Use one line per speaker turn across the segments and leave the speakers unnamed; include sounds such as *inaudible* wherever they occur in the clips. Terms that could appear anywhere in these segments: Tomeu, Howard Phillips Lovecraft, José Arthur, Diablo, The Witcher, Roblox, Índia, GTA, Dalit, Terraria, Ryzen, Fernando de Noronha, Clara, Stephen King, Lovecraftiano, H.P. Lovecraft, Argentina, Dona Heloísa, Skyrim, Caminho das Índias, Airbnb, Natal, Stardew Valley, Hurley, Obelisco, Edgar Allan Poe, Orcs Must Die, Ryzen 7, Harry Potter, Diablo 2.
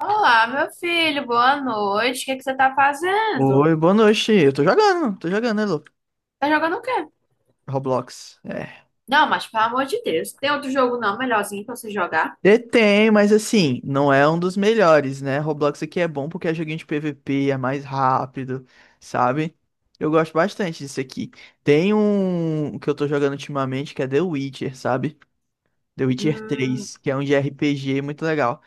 Olá, meu filho, boa noite. O que é que você tá fazendo?
Oi, boa noite. Eu tô jogando, né, Lu?
Tá jogando o quê?
Roblox. É.
Não, mas pelo amor de Deus, tem outro jogo não, melhorzinho pra você jogar?
E tem, mas assim, não é um dos melhores, né? Roblox aqui é bom porque é joguinho de PVP, é mais rápido, sabe? Eu gosto bastante disso aqui. Tem um que eu tô jogando ultimamente que é The Witcher, sabe? The Witcher
Hum,
três, que é um de RPG muito legal.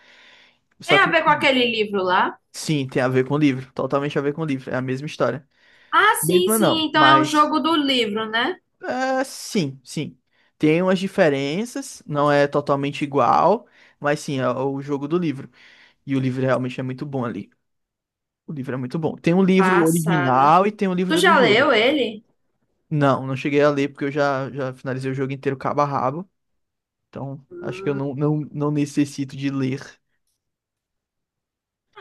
tem
Só
a
que,
ver com aquele livro lá?
sim, tem a ver com o livro, totalmente a ver com o livro, é a mesma história.
Ah, sim,
Mesma
sim,
não,
então é um
mas.
jogo do livro, né?
Ah, sim, sim. Tem umas diferenças, não é totalmente igual, mas sim, é o jogo do livro. E o livro realmente é muito bom ali. O livro é muito bom. Tem um livro
Passada.
original e tem um
Tu
livro do
já
jogo.
leu ele?
Não, não cheguei a ler porque eu já finalizei o jogo inteiro cabo a rabo. Então, acho que eu não necessito de ler.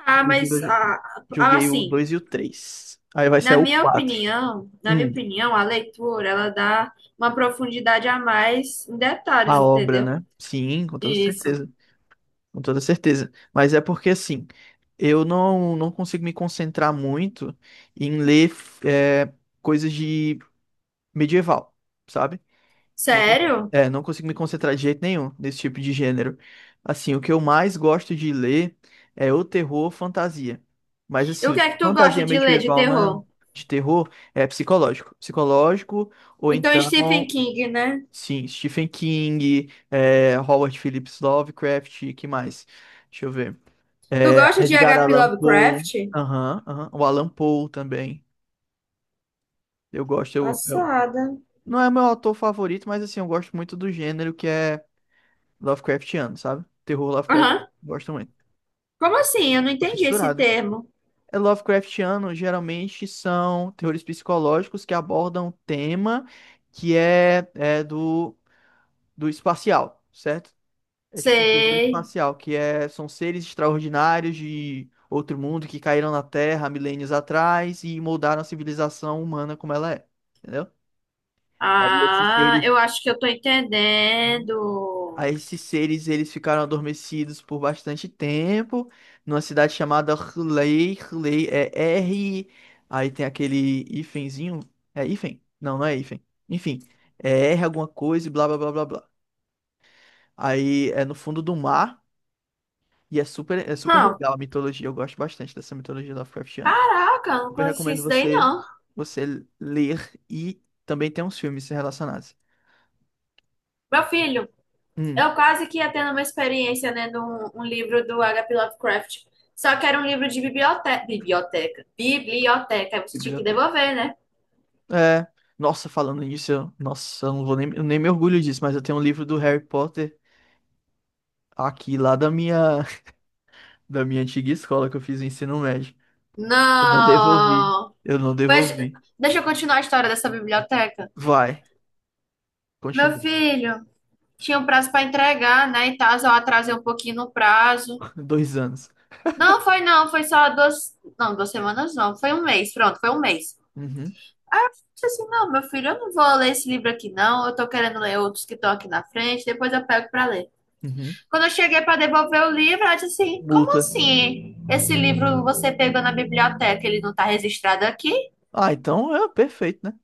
Ah,
Inclusive,
mas ah, ah,
joguei o
assim,
2 e o três. Aí vai sair
na
o
minha
quatro.
opinião, na minha
Hum,
opinião, a leitura, ela dá uma profundidade a mais em detalhes,
a obra,
entendeu?
né? Sim, com toda
Isso.
certeza. Com toda certeza. Mas é porque assim, eu não consigo me concentrar muito em ler coisas de medieval, sabe? Não,
Sério?
não consigo me concentrar de jeito nenhum nesse tipo de gênero. Assim, o que eu mais gosto de ler é o terror fantasia. Mas
E o que
assim,
é que tu gosta
fantasia
de ler de
medieval não é
terror?
de terror, é psicológico. Psicológico, ou
Então, Stephen
então,
King, né?
sim, Stephen King, Howard Phillips Lovecraft, que mais? Deixa eu ver.
Tu gosta de
Edgar
H.P.
Allan Poe.
Lovecraft?
Aham, aham. O Allan Poe também. Eu gosto.
Passada.
Não é meu autor favorito, mas assim, eu gosto muito do gênero que é Lovecraftiano, sabe? Terror Lovecraft,
Aham.
gosto muito.
Como assim? Eu não
Tô
entendi esse
fissurado.
termo.
É Lovecraftiano, geralmente são terrores psicológicos que abordam um tema que é do espacial, certo? É tipo um terror
Sei.
espacial, que é, são seres extraordinários de outro mundo que caíram na Terra há milênios atrás e moldaram a civilização humana como ela é, entendeu? Aí esses
Ah,
seres,
eu acho que eu tô entendendo.
aí esses seres eles ficaram adormecidos por bastante tempo numa cidade chamada Hurley. Hurley é R, aí tem aquele hífenzinho, é hífen? Não, não é hífen. Enfim, é R alguma coisa e blá blá blá blá blá. Aí é no fundo do mar. E é super
Hum.
legal a mitologia. Eu gosto bastante dessa mitologia Lovecraftiana.
Caraca, não
Super
conheci
recomendo
isso daí,
você,
não.
você ler e também tem uns filmes relacionados.
Meu filho,
Hum,
eu quase que ia tendo uma experiência lendo um livro do H.P. Lovecraft. Só que era um livro de biblioteca. Biblioteca. Biblioteca. Aí você tinha que
Biblioteca.
devolver, né?
É, nossa, falando nisso, nossa, eu não vou nem, eu nem me orgulho disso, mas eu tenho um livro do Harry Potter aqui lá da minha, *laughs* da minha antiga escola que eu fiz o ensino médio. Eu não devolvi.
Não!
Eu não
Pois,
devolvi.
deixa eu continuar a história dessa biblioteca.
Vai,
Meu
continua.
filho, tinha um prazo para entregar, né? E tal, eu atrasei um pouquinho no prazo.
*laughs* Dois anos.
Não, foi não, foi só duas. Não, duas semanas não, foi um mês, pronto, foi um mês.
Uhum,
Disse assim, não, meu filho, eu não vou ler esse livro aqui, não. Eu tô querendo ler outros que estão aqui na frente, depois eu pego para ler.
uhum.
Quando eu cheguei para devolver o livro, ela disse assim: como
Multa.
assim? Esse livro você pegou na biblioteca, ele não tá registrado aqui?
Ah, então é perfeito, né?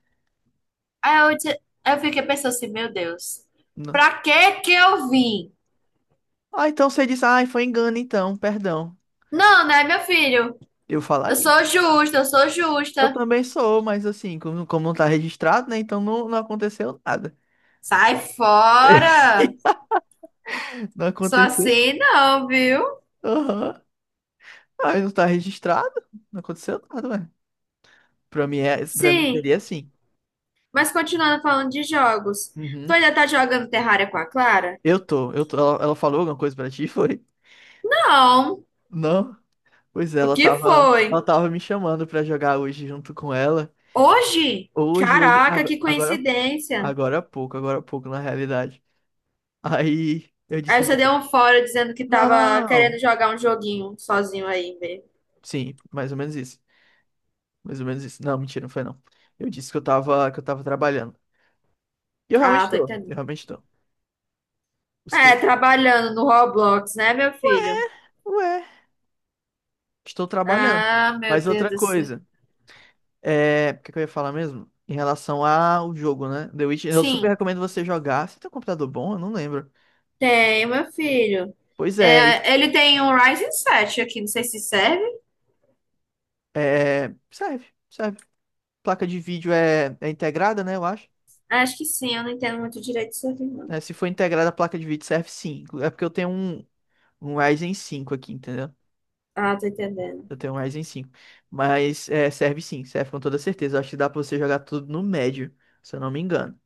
Aí eu, disse- eu fiquei pensando assim, meu Deus, pra que que eu vim?
Ah, então você diz, ah, foi engano então, perdão.
Não, né, meu filho?
Eu
Eu
falaria.
sou justa, eu sou
Eu
justa.
também sou, mas assim, como não tá registrado, né? Então não, não aconteceu nada.
Sai fora!
*laughs* Não
Só
aconteceu?
assim não, viu?
Aham. Ah, não tá registrado? Não aconteceu nada, ué. Pra mim
Sim,
seria assim.
mas continuando falando de jogos. Tu
Uhum.
ainda tá jogando Terraria com a Clara?
Eu tô, eu tô. Ela falou alguma coisa pra ti, *laughs* foi?
Não.
Não? Pois é,
O
ela
que
tava,
foi?
ela tava me chamando pra jogar hoje junto com ela.
Hoje?
Hoje,
Caraca,
agora,
que
agora
coincidência.
agora há pouco, na realidade. Aí eu disse,
Aí
não.
você deu um fora dizendo que tava querendo
Não.
jogar um joguinho sozinho aí mesmo.
Sim, mais ou menos isso. Mais ou menos isso. Não, mentira, não foi não. Eu disse que eu tava, trabalhando. E eu
Ah,
realmente
tô
tô. Eu
entendendo.
realmente tô. Os
É,
textos, tá?
trabalhando no Roblox, né, meu filho?
Ué, estou trabalhando.
Ah, meu
Mas
Deus
outra
do céu.
coisa, o que que eu ia falar mesmo? Em relação ao jogo, né? The Witcher, eu super
Sim.
recomendo você jogar. Você tem um computador bom? Eu não lembro.
Tem, meu filho.
Pois é,
É, ele tem um Ryzen 7 aqui, não sei se serve.
é, serve, serve. Placa de vídeo é integrada, né? Eu acho.
Acho que sim, eu não entendo muito direito isso aqui, não.
Se for integrada a placa de vídeo, serve sim. É porque eu tenho um Ryzen cinco aqui, entendeu?
Ah, tô entendendo.
Eu tenho um Ryzen cinco. Mas serve sim, serve com toda certeza. Eu acho que dá pra você jogar tudo no médio, se eu não me engano.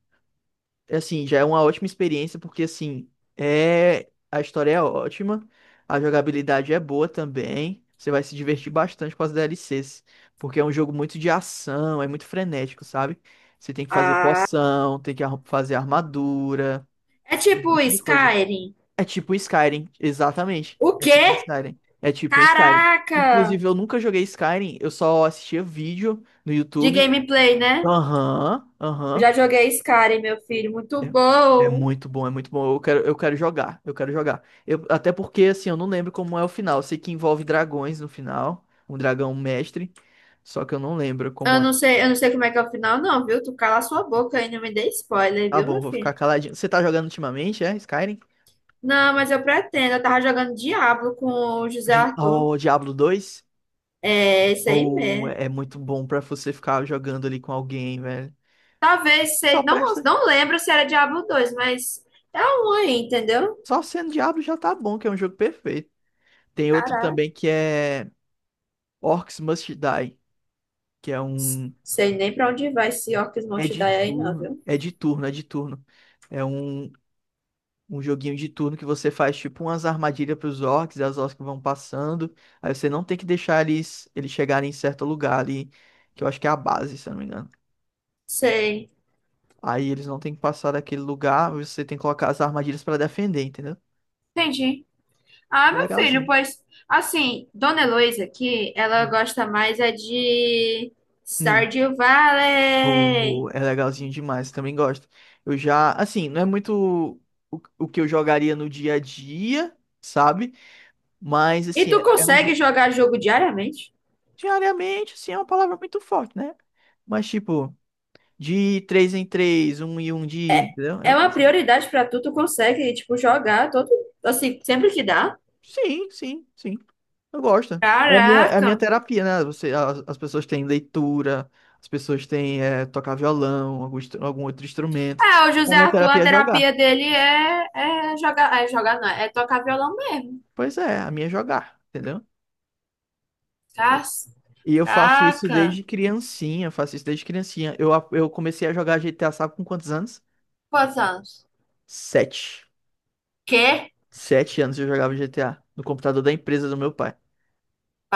É assim, já é uma ótima experiência, porque assim, a história é ótima, a jogabilidade é boa também. Você vai se divertir bastante com as DLCs, porque é um jogo muito de ação, é muito frenético, sabe? Você tem que fazer
Ah,
poção, tem que fazer armadura,
é
um
tipo
monte de coisa.
Skyrim.
É tipo um Skyrim, exatamente.
O
É tipo um
quê?
Skyrim. É tipo um Skyrim.
Caraca!
Inclusive, eu nunca joguei Skyrim, eu só assistia vídeo no
De
YouTube.
gameplay, né?
Aham,
Eu
aham.
já joguei Skyrim, meu filho, muito
É, é
bom.
muito bom, é muito bom. Eu quero jogar, eu quero jogar. Eu, até porque, assim, eu não lembro como é o final. Eu sei que envolve dragões no final, um dragão mestre, só que eu não lembro
Eu
como é.
não sei, eu não sei como é que é o final, não, viu? Tu cala a sua boca aí, não me dê spoiler,
Tá
viu,
bom,
meu
vou ficar
filho?
caladinho. Você tá jogando ultimamente, Skyrim?
Não, mas eu pretendo. Eu tava jogando Diablo com o José Arthur.
O Diablo 2?
É, isso aí
Ou
mesmo.
é muito bom pra você ficar jogando ali com alguém, velho?
Talvez
Só
seja. Não,
presta.
não lembro se era Diablo dois, mas é um aí, entendeu?
Só sendo diabo já tá bom, que é um jogo perfeito. Tem outro
Caraca.
também que é Orcs Must Die, que é um.
Sei nem pra onde vai esse Orcs
É
Must Die
de
aí, não,
turno.
viu?
É de turno, é de turno. É um joguinho de turno que você faz tipo umas armadilhas pros orcs, e as orcs vão passando. Aí você não tem que deixar eles chegarem em certo lugar ali, que eu acho que é a base, se eu não me engano.
Sei.
Aí eles não tem que passar daquele lugar, você tem que colocar as armadilhas pra defender, entendeu?
Entendi. Ah,
É
meu filho,
legalzinho.
pois. Assim, Dona Heloísa aqui, ela gosta mais é de
Hum.
Stardew Valley.
É legalzinho demais, também gosto. Eu já, assim, não é muito o que eu jogaria no dia a dia, sabe? Mas,
E
assim,
tu
é, é um,
consegue
jo-
jogar jogo diariamente?
Diariamente, assim, é uma palavra muito forte, né? Mas, tipo, de três em três, um em um dia, entendeu?
É uma prioridade pra tu, tu consegue, tipo, jogar todo. Assim, sempre que dá.
Sim, sim, sim. Eu gosto. É a minha
Caraca.
terapia, né? As pessoas têm leitura, as pessoas têm tocar violão, algum outro instrumento.
É, o
A
José
minha
Arthur, a
terapia é
terapia
jogar.
dele é, é jogar não, é tocar violão mesmo.
Pois é, a minha é jogar, entendeu? E eu faço isso
Caraca.
desde criancinha, eu faço isso desde criancinha. Eu comecei a jogar GTA, sabe com quantos anos?
Quantos anos?
Sete.
Quê?
Sete anos eu jogava GTA, no computador da empresa do meu pai.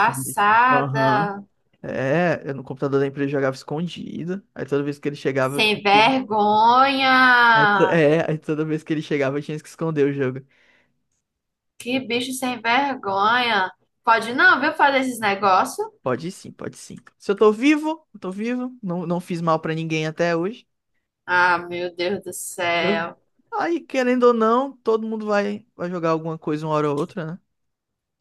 Quando- Aham. Eu no computador da empresa eu jogava escondido. Aí toda vez que ele chegava, eu
Sem
tinha que. Aí, to-
vergonha.
é, aí toda vez que ele chegava, eu tinha que esconder o jogo.
Que bicho sem vergonha. Pode não, viu, fazer esses negócios?
Pode sim, pode sim. Se eu tô vivo, eu tô vivo. Não, não fiz mal pra ninguém até hoje.
Ah, meu Deus do
Entendeu?
céu.
Aí, querendo ou não, todo mundo vai jogar alguma coisa uma hora ou outra, né?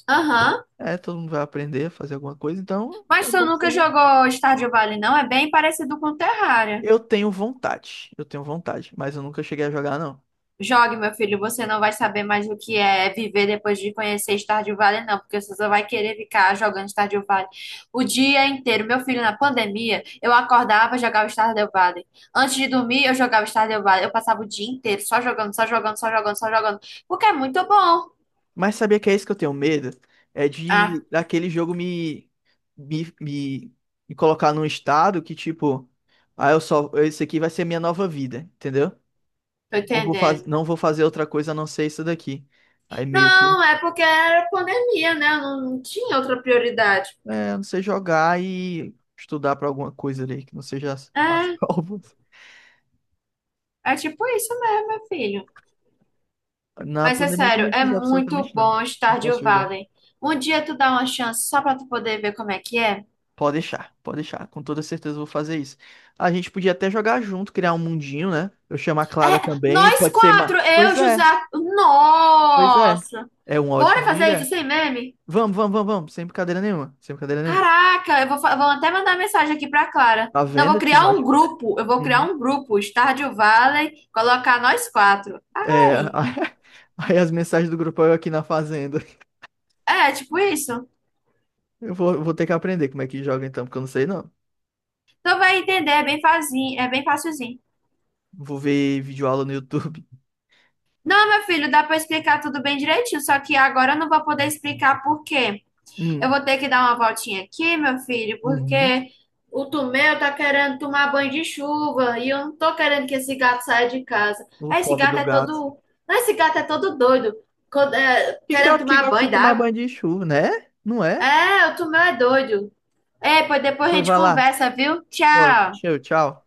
Aham.
Todo mundo vai aprender a fazer alguma coisa, então
Mas
é
tu
bom que
nunca
seja.
jogou Stardew Valley, não? É bem parecido com Terraria.
Eu tenho vontade, mas eu nunca cheguei a jogar, não.
Jogue, meu filho, você não vai saber mais o que é viver depois de conhecer Stardew Valley, não, porque você só vai querer ficar jogando Stardew Valley o dia inteiro. Meu filho, na pandemia, eu acordava e jogava Stardew Valley. Antes de dormir, eu jogava Stardew Valley. Eu passava o dia inteiro só jogando, só jogando, só jogando, só jogando, porque é muito bom.
Mas sabia que é isso que eu tenho medo? É
Ah,
de daquele jogo me, me, me colocar num estado que, tipo, ah, eu só, esse aqui vai ser minha nova vida, entendeu?
tô
Não vou faz,
entendendo.
não vou fazer outra coisa a não ser isso daqui. Aí meio que,
Não, é porque era pandemia, né? Eu não, não tinha outra prioridade.
eu não sei jogar e estudar pra alguma coisa ali, que não seja as *laughs*
É,
provas.
é tipo isso mesmo, meu filho.
Na
Mas é
pandemia eu
sério,
também não
é
fiz
muito
absolutamente nada.
bom
Não
Stardew
posso jogar.
Valley. Um dia tu dá uma chance só pra tu poder ver como é que é.
Pode deixar, pode deixar. Com toda certeza eu vou fazer isso. A gente podia até jogar junto, criar um mundinho, né? Eu chamo a Clara
É,
também,
nós
pode ser mais.
quatro, eu,
Pois
José.
é, pois é.
Nossa!
É uma ótima
Bora fazer isso
ideia.
sem meme?
Vamos, vamos, vamos, vamos. Sem brincadeira nenhuma. Sem brincadeira nenhuma.
Caraca, vou até mandar mensagem aqui pra Clara.
Tá
Não, eu
vendo?
vou
Eu tive
criar
uma
um
ótima ideia.
grupo. Eu vou criar
Uhum.
um grupo, Stardew Valley, colocar nós quatro.
É,
Ai,
*laughs* aí as mensagens do grupo é eu aqui na fazenda. *laughs*
é tipo isso.
Eu vou ter que aprender como é que joga então, porque eu não sei não.
Tu vai entender, é bem facinho, é bem facilzinho.
Vou ver videoaula no YouTube. *laughs*
Não, meu filho, dá pra explicar tudo bem direitinho, só que agora eu não vou poder explicar por quê. Eu
Hum.
vou ter que dar uma voltinha aqui, meu filho,
Uhum.
porque o Tomeu tá querendo tomar banho de chuva e eu não tô querendo que esse gato saia de casa.
O
Ah, esse
pobre
gato
do
é
gato.
todo. Não, esse gato é todo doido,
Que
querendo
gato que
tomar
gosta
banho
de tomar
d'água.
banho de chuva, né? Não é?
É, o Tomeu é doido. É, pois depois a
Pois
gente
vai lá.
conversa, viu?
Pô,
Tchau.
show, tchau.